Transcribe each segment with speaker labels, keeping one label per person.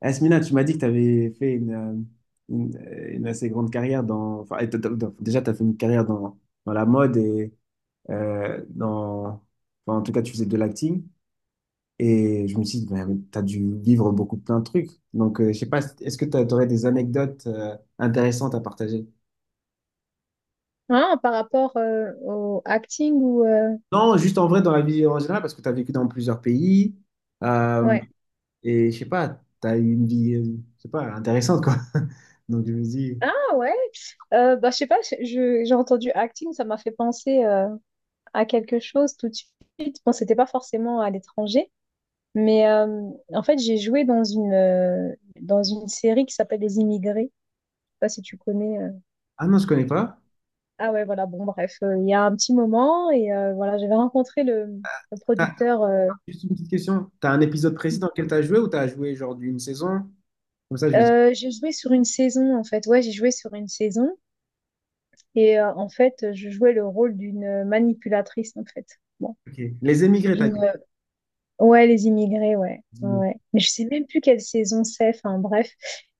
Speaker 1: Asmina, tu m'as dit que tu avais fait une assez grande carrière dans... Enfin, et déjà, tu as fait une carrière dans la mode et dans... enfin, en tout cas, tu faisais de l'acting. Et je me suis dit, tu as dû vivre beaucoup plein de trucs. Donc, je sais pas, est-ce que tu aurais des anecdotes intéressantes à partager?
Speaker 2: Ah, par rapport au acting ou
Speaker 1: Non, juste en vrai, dans la vie en général, parce que tu as vécu dans plusieurs pays. euh,
Speaker 2: ouais.
Speaker 1: et je sais pas, tu as eu une vie, je sais pas, intéressante, quoi. Donc, je me dis,
Speaker 2: Ah ouais, bah je sais pas, j'ai entendu acting, ça m'a fait penser à quelque chose tout de suite. Bon, c'était pas forcément à l'étranger, mais en fait, j'ai joué dans une série qui s'appelle Les Immigrés. Je sais pas si tu connais.
Speaker 1: ah non, je connais pas.
Speaker 2: Ah ouais, voilà, bon bref, il y a un petit moment et voilà, j'avais rencontré le
Speaker 1: Ah,
Speaker 2: producteur
Speaker 1: juste une petite question. T'as un épisode précis dans lequel t'as joué ou t'as joué genre d'une saison? Comme ça, je vais dire.
Speaker 2: j'ai joué sur une saison en fait. Ouais, j'ai joué sur une saison. Et en fait, je jouais le rôle d'une manipulatrice, en fait. Bon,
Speaker 1: Ok. Les émigrés, t'as
Speaker 2: d'une,
Speaker 1: dit.
Speaker 2: euh, ouais, les immigrés, ouais,
Speaker 1: Les
Speaker 2: ouais. Mais je sais même plus quelle saison c'est. Enfin, bref.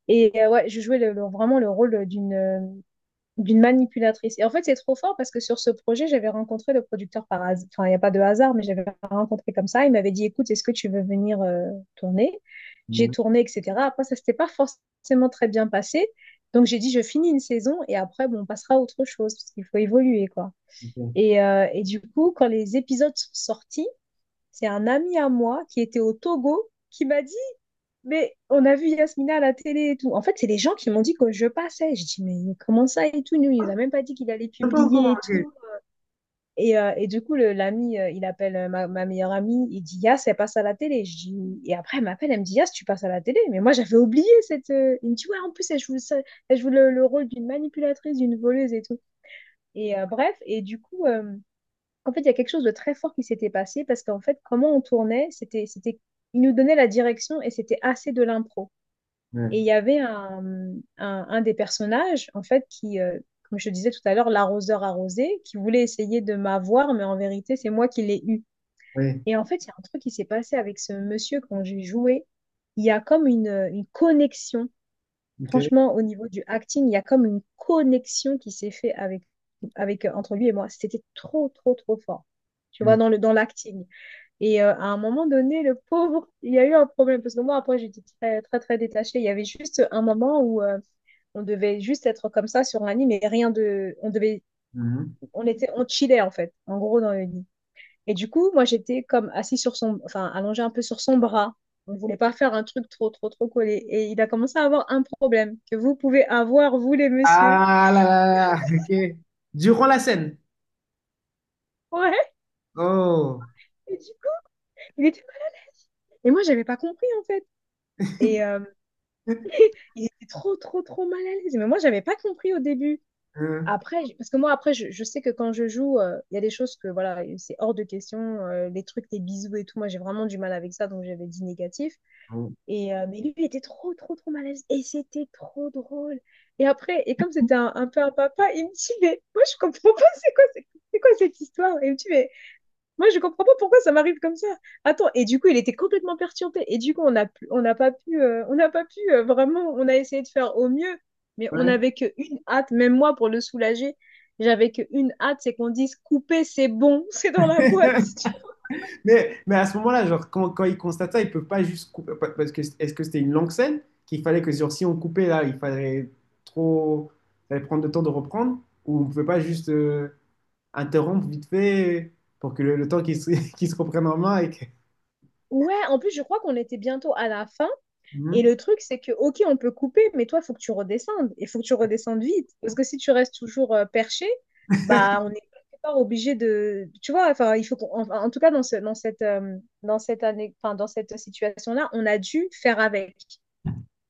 Speaker 2: Et ouais, je jouais vraiment le rôle d'une manipulatrice. Et en fait, c'est trop fort parce que sur ce projet, j'avais rencontré le producteur par hasard. Enfin, il n'y a pas de hasard, mais j'avais rencontré comme ça. Il m'avait dit, écoute, est-ce que tu veux venir tourner? J'ai
Speaker 1: émigrés.
Speaker 2: tourné, etc. Après, ça s'était pas forcément très bien passé. Donc, j'ai dit, je finis une saison et après, bon, on passera à autre chose parce qu'il faut évoluer, quoi.
Speaker 1: Ok.
Speaker 2: Et du coup, quand les épisodes sont sortis, c'est un ami à moi qui était au Togo qui m'a dit, mais on a vu Yasmina à la télé et tout. En fait, c'est les gens qui m'ont dit que je passais. Je dis, mais comment ça et tout? Nous, il nous a même pas dit qu'il allait
Speaker 1: Ah, pas encore,
Speaker 2: publier et
Speaker 1: ok.
Speaker 2: tout. Et du coup, l'ami, il appelle ma meilleure amie, il dit, Yas, elle passe à la télé. Je dis, et après, elle m'appelle, elle me dit, Yas, tu passes à la télé. Mais moi, j'avais oublié cette. Il me dit, ouais, en plus, elle joue, elle joue le rôle d'une manipulatrice, d'une voleuse et tout. Et bref, et du coup, en fait, il y a quelque chose de très fort qui s'était passé parce qu'en fait, comment on tournait, il nous donnait la direction et c'était assez de l'impro. Et il
Speaker 1: Ouais.
Speaker 2: y avait un des personnages, en fait, comme je te disais tout à l'heure, l'arroseur arrosé, qui voulait essayer de m'avoir, mais en vérité, c'est moi qui l'ai eu.
Speaker 1: Ouais.
Speaker 2: Et en fait, il y a un truc qui s'est passé avec ce monsieur quand j'ai joué. Il y a comme une connexion.
Speaker 1: Ok.
Speaker 2: Franchement, au niveau du acting, il y a comme une connexion qui s'est faite avec, avec, entre lui et moi. C'était trop, trop, trop fort. Tu
Speaker 1: Ouais.
Speaker 2: vois, dans dans l'acting. Et à un moment donné, le pauvre, il y a eu un problème. Parce que moi, après, j'étais très, très, très détachée. Il y avait juste un moment où on devait juste être comme ça sur un lit, mais rien de. On devait,
Speaker 1: Mhm.
Speaker 2: on était, on chillait, en fait, en gros, dans le lit. Et du coup, moi, j'étais comme assis sur son, enfin, allongée un peu sur son bras. On ne voulait pas faire un truc trop, trop, trop collé. Et il a commencé à avoir un problème que vous pouvez avoir, vous, les messieurs.
Speaker 1: Ah là là là, ok. Durant la scène.
Speaker 2: Ouais,
Speaker 1: Oh.
Speaker 2: et du coup, il était... Et moi, j'avais pas compris, en fait. Et il était trop, trop, trop mal à l'aise. Mais moi, j'avais pas compris au début.
Speaker 1: Hein.
Speaker 2: Après, parce que moi, après, je sais que quand je joue, il y a des choses que, voilà, c'est hors de question. Les trucs, les bisous et tout, moi, j'ai vraiment du mal avec ça, donc j'avais dit négatif. Et, mais lui, il était trop, trop, trop mal à l'aise. Et c'était trop drôle. Et après, et comme c'était un peu un papa, il me dit, mais moi, je comprends pas, c'est quoi, c'est quoi cette histoire? Et il me dit, mais moi, je comprends pas pourquoi ça m'arrive comme ça. Attends, et du coup, il était complètement perturbé. Et du coup, on n'a pas pu, on n'a pas pu vraiment, on a essayé de faire au mieux, mais on
Speaker 1: Ouais.
Speaker 2: n'avait qu'une hâte, même moi, pour le soulager, j'avais qu'une hâte, c'est qu'on dise, couper, c'est bon, c'est dans la boîte.
Speaker 1: Mais à ce moment-là, genre, quand ils constatent ça, ils peuvent pas juste couper. Parce que est-ce que c'était une longue scène qu'il fallait que genre, si on coupait là, il fallait trop. Il fallait prendre le temps de reprendre? Ou on pouvait pas juste. Interrompre vite fait pour que le temps qu'ils se, qu'ils se reprennent en main et que...
Speaker 2: Ouais, en plus, je crois qu'on était bientôt à la fin. Et
Speaker 1: Mhm.
Speaker 2: le truc, c'est que, ok, on peut couper, mais toi, il faut que tu redescendes. Et il faut que tu redescendes vite. Parce que si tu restes toujours perché, bah, on est quelque part obligé de. Tu vois, enfin, il faut en, en tout cas, dans cette, dans cette année, enfin, dans cette situation-là, on a dû faire avec.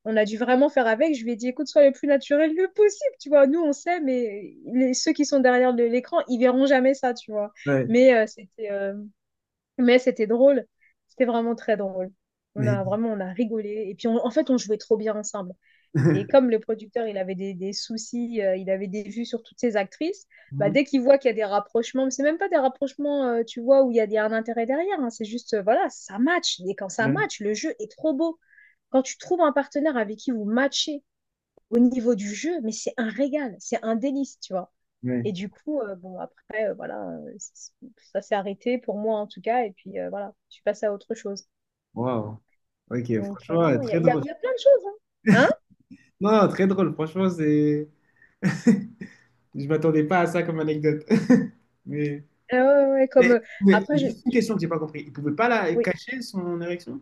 Speaker 2: On a dû vraiment faire avec. Je lui ai dit, écoute, sois le plus naturel le possible. Tu vois, nous, on sait, mais ceux qui sont derrière l'écran, ils verront jamais ça, tu vois.
Speaker 1: Ouais,
Speaker 2: Mais c'était. Mais c'était drôle. C'était vraiment très drôle. On a
Speaker 1: mais.
Speaker 2: vraiment, on a rigolé. Et puis, en fait, on jouait trop bien ensemble. Et comme le producteur, il avait des soucis, il avait des vues sur toutes ces actrices, bah,
Speaker 1: Mhm.
Speaker 2: dès qu'il voit qu'il y a des rapprochements, mais c'est même pas des rapprochements, tu vois, où il y a un intérêt derrière, hein. C'est juste, voilà, ça match. Et quand ça
Speaker 1: Ouais,
Speaker 2: match, le jeu est trop beau. Quand tu trouves un partenaire avec qui vous matchez au niveau du jeu, mais c'est un régal, c'est un délice, tu vois. Et
Speaker 1: ouais.
Speaker 2: du coup, bon, après, voilà, ça s'est arrêté pour moi en tout cas. Et puis voilà, je suis passée à autre chose.
Speaker 1: Waouh. Ok,
Speaker 2: Donc, non,
Speaker 1: franchement,
Speaker 2: non,
Speaker 1: très drôle.
Speaker 2: il y a plein de choses. Hein?
Speaker 1: Non, très drôle, franchement, c'est... Je m'attendais pas à ça comme anecdote. Mais,
Speaker 2: Hein? Ouais, ouais, ouais, comme
Speaker 1: mais
Speaker 2: après, je...
Speaker 1: juste une question que j'ai pas compris. Il pouvait pas la
Speaker 2: oui.
Speaker 1: cacher son érection?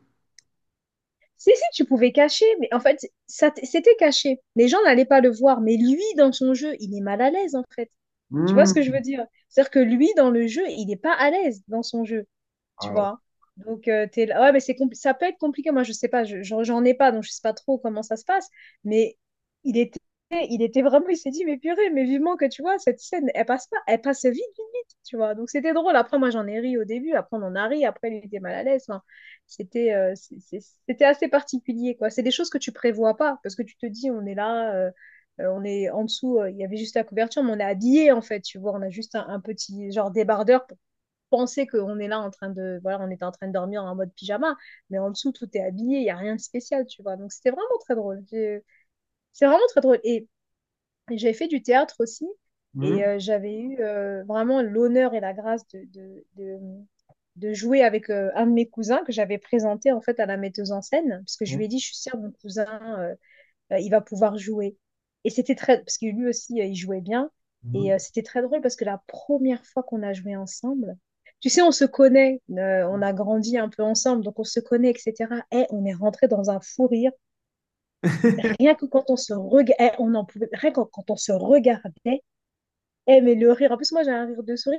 Speaker 2: Si, si, tu pouvais cacher, mais en fait, c'était caché. Les gens n'allaient pas le voir, mais lui, dans son jeu, il est mal à l'aise en fait. Tu vois ce que je
Speaker 1: Mhm.
Speaker 2: veux dire? C'est-à-dire que lui, dans le jeu, il n'est pas à l'aise dans son jeu. Tu
Speaker 1: Waouh.
Speaker 2: vois. Donc, t'es là. Ouais, mais ça peut être compliqué. Moi, je sais pas, j'en ai pas, donc je sais pas trop comment ça se passe. Mais il était, il était vraiment, il s'est dit, mais purée, mais vivement que tu vois, cette scène, elle passe pas, elle passe vite, vite, vite, tu vois. Donc, c'était drôle. Après, moi, j'en ai ri au début, après, on en a ri, après, il était mal à l'aise. Enfin, c'était, euh, c'est- c'est- c'était assez particulier, quoi. C'est des choses que tu prévois pas, parce que tu te dis, on est là, on est en dessous, il y avait juste la couverture, mais on est habillé en fait, tu vois. On a juste un petit genre débardeur, penser qu'on est là en train de, voilà, on était en train de dormir en mode pyjama, mais en dessous, tout est habillé, il n'y a rien de spécial, tu vois. Donc, c'était vraiment très drôle. C'est vraiment très drôle. Et j'avais fait du théâtre aussi, et
Speaker 1: Mhm.
Speaker 2: j'avais eu vraiment l'honneur et la grâce de jouer avec un de mes cousins que j'avais présenté, en fait, à la metteuse en scène, parce que je
Speaker 1: Ouais.
Speaker 2: lui ai dit, je suis sœur de mon cousin, il va pouvoir jouer. Et c'était très, parce que lui aussi, il jouait bien. Et
Speaker 1: Mhm.
Speaker 2: c'était très drôle parce que la première fois qu'on a joué ensemble, tu sais, on se connaît, on a grandi un peu ensemble, donc on se connaît, etc. Et on est rentré dans un fou rire. Rien que quand on se regardait, on en pouvait, rien que quand on se regardait, eh, mais le rire, en plus, moi, j'ai un rire de souris.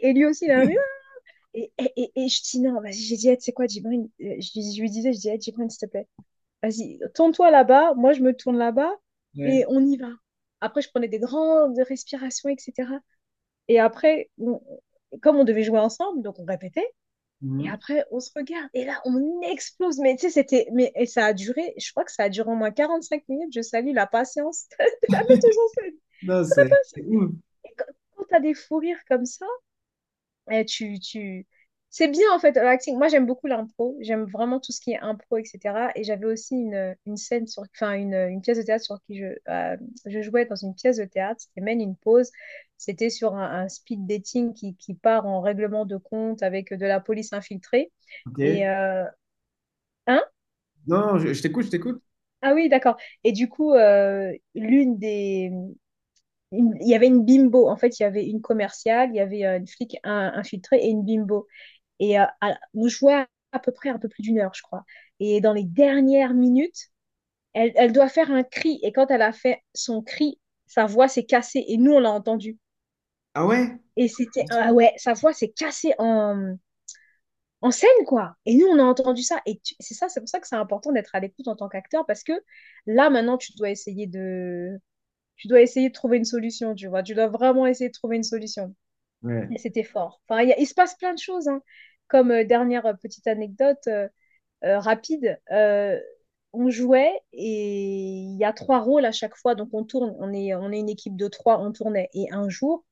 Speaker 2: Et lui aussi, il a un rire. Et, je dis, non, vas-y, j'ai dit, eh, tu sais quoi, Djibril, je lui disais, je dis, eh, Djibril, s'il te plaît, vas-y, tourne-toi là-bas, moi je me tourne là-bas et
Speaker 1: Ouais.
Speaker 2: on y va. Après, je prenais des grandes respirations, etc. Et après, comme on devait jouer ensemble, donc on répétait. Et
Speaker 1: Mhm.
Speaker 2: après, on se regarde. Et là, on explose. Mais tu sais, c'était. Mais et ça a duré, je crois que ça a duré au moins 45 minutes. Je salue la patience de la metteuse en scène.
Speaker 1: Non,
Speaker 2: Très
Speaker 1: c'est
Speaker 2: patiente.
Speaker 1: ouf.
Speaker 2: Et quand, tu as des fous rires comme ça, et tu... C'est bien en fait l'acting. Moi j'aime beaucoup l'impro, j'aime vraiment tout ce qui est impro, etc. Et j'avais aussi une scène sur, enfin une pièce de théâtre sur qui je jouais dans une pièce de théâtre, c'était mène une Pause. C'était sur un speed dating qui part en règlement de compte avec de la police infiltrée.
Speaker 1: Ok.
Speaker 2: Et hein?
Speaker 1: Non, je t'écoute, je t'écoute.
Speaker 2: Ah oui, d'accord. Et du coup, l'une des, il y avait une bimbo. En fait, il y avait une commerciale, il y avait une flic infiltrée et une bimbo. Et on jouait à peu près un peu plus d'une heure, je crois. Et dans les dernières minutes, elle doit faire un cri. Et quand elle a fait son cri, sa voix s'est cassée. Et nous, on l'a entendu.
Speaker 1: Ah ouais?
Speaker 2: Et c'était, ah ouais, sa voix s'est cassée en scène, quoi. Et nous, on a entendu ça. C'est ça, c'est pour ça que c'est important d'être à l'écoute en tant qu'acteur, parce que là, maintenant, tu dois essayer de trouver une solution, tu vois. Tu dois vraiment essayer de trouver une solution.
Speaker 1: Ouais.
Speaker 2: Et c'était fort. Enfin, il se passe plein de choses, hein. Comme dernière petite anecdote, rapide, on jouait et il y a trois rôles à chaque fois. Donc on tourne, on est une équipe de trois, on tournait. Et un jour,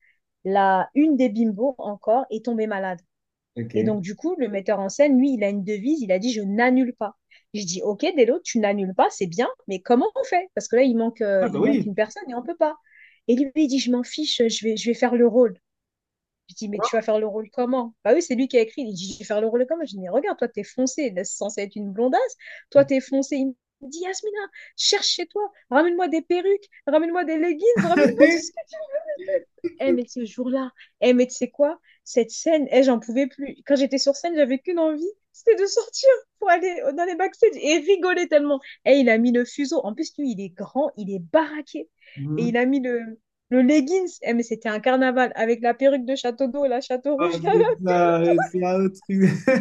Speaker 2: une des bimbos encore est tombée malade. Et
Speaker 1: Ok.
Speaker 2: donc du coup, le metteur en scène, lui, il a une devise, il a dit je n'annule pas. Je dis ok Delo, tu n'annules pas, c'est bien, mais comment on fait? Parce que là,
Speaker 1: Ah bah
Speaker 2: il manque
Speaker 1: oui.
Speaker 2: une personne et on ne peut pas. Et lui, il dit je m'en fiche, je vais faire le rôle. Je dis, mais tu vas faire le rôle comment? Bah oui, c'est lui qui a écrit. Il dit, je vais faire le rôle comment? Je dis, mais regarde, toi, t'es foncé. C'est censé être une blondasse. Toi, t'es foncé. Il me dit, Yasmina, cherche chez toi. Ramène-moi des perruques. Ramène-moi des leggings. Ramène-moi tout ce que eh, mais ce jour-là, eh, mais tu sais quoi? Cette scène, eh, j'en pouvais plus. Quand j'étais sur scène, j'avais qu'une envie, c'était de sortir pour aller dans les backstage et rigoler tellement. Eh, il a mis le fuseau. En plus, lui, il est grand, il est baraqué. Et
Speaker 1: Mhm.
Speaker 2: il a mis le leggings. Eh, mais c'était un carnaval avec la perruque de Château d'eau, la Château
Speaker 1: Oh
Speaker 2: Rouge, la perruque.
Speaker 1: putain, c'est un autre truc. De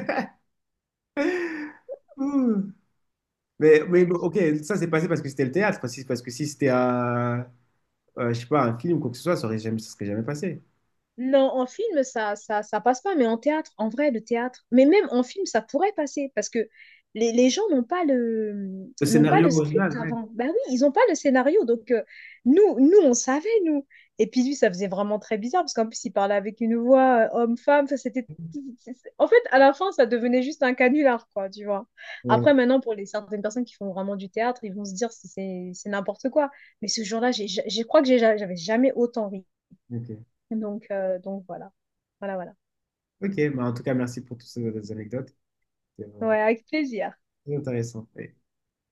Speaker 1: mais bon, ok, ça c'est passé parce que c'était le théâtre. Parce que si c'était un, je sais pas, un film ou quoi que ce soit, ça aurait jamais, ça serait jamais passé.
Speaker 2: Non, en film, ça passe pas, mais en théâtre, en vrai, le théâtre, mais même en film, ça pourrait passer parce que les gens n'ont pas
Speaker 1: Le
Speaker 2: n'ont pas le
Speaker 1: scénario original,
Speaker 2: script
Speaker 1: ouais.
Speaker 2: avant. Bah oui, ils n'ont pas le scénario. Donc, nous, on savait, nous. Et puis, lui, ça faisait vraiment très bizarre parce qu'en plus, il parlait avec une voix homme-femme. Enfin, c'était. En fait, à la fin, ça devenait juste un canular, quoi, tu vois.
Speaker 1: Ouais,
Speaker 2: Après, maintenant, pour les certaines personnes qui font vraiment du théâtre, ils vont se dire c'est n'importe quoi. Mais ce jour-là, j'ai, ja, j'ai- je crois que j'ai- ja, j'avais jamais autant ri.
Speaker 1: ok.
Speaker 2: Donc voilà. Voilà, voilà.
Speaker 1: Ok, bah en tout cas, merci pour toutes ces anecdotes. C'était
Speaker 2: Ouais,
Speaker 1: vraiment
Speaker 2: avec plaisir.
Speaker 1: très intéressant.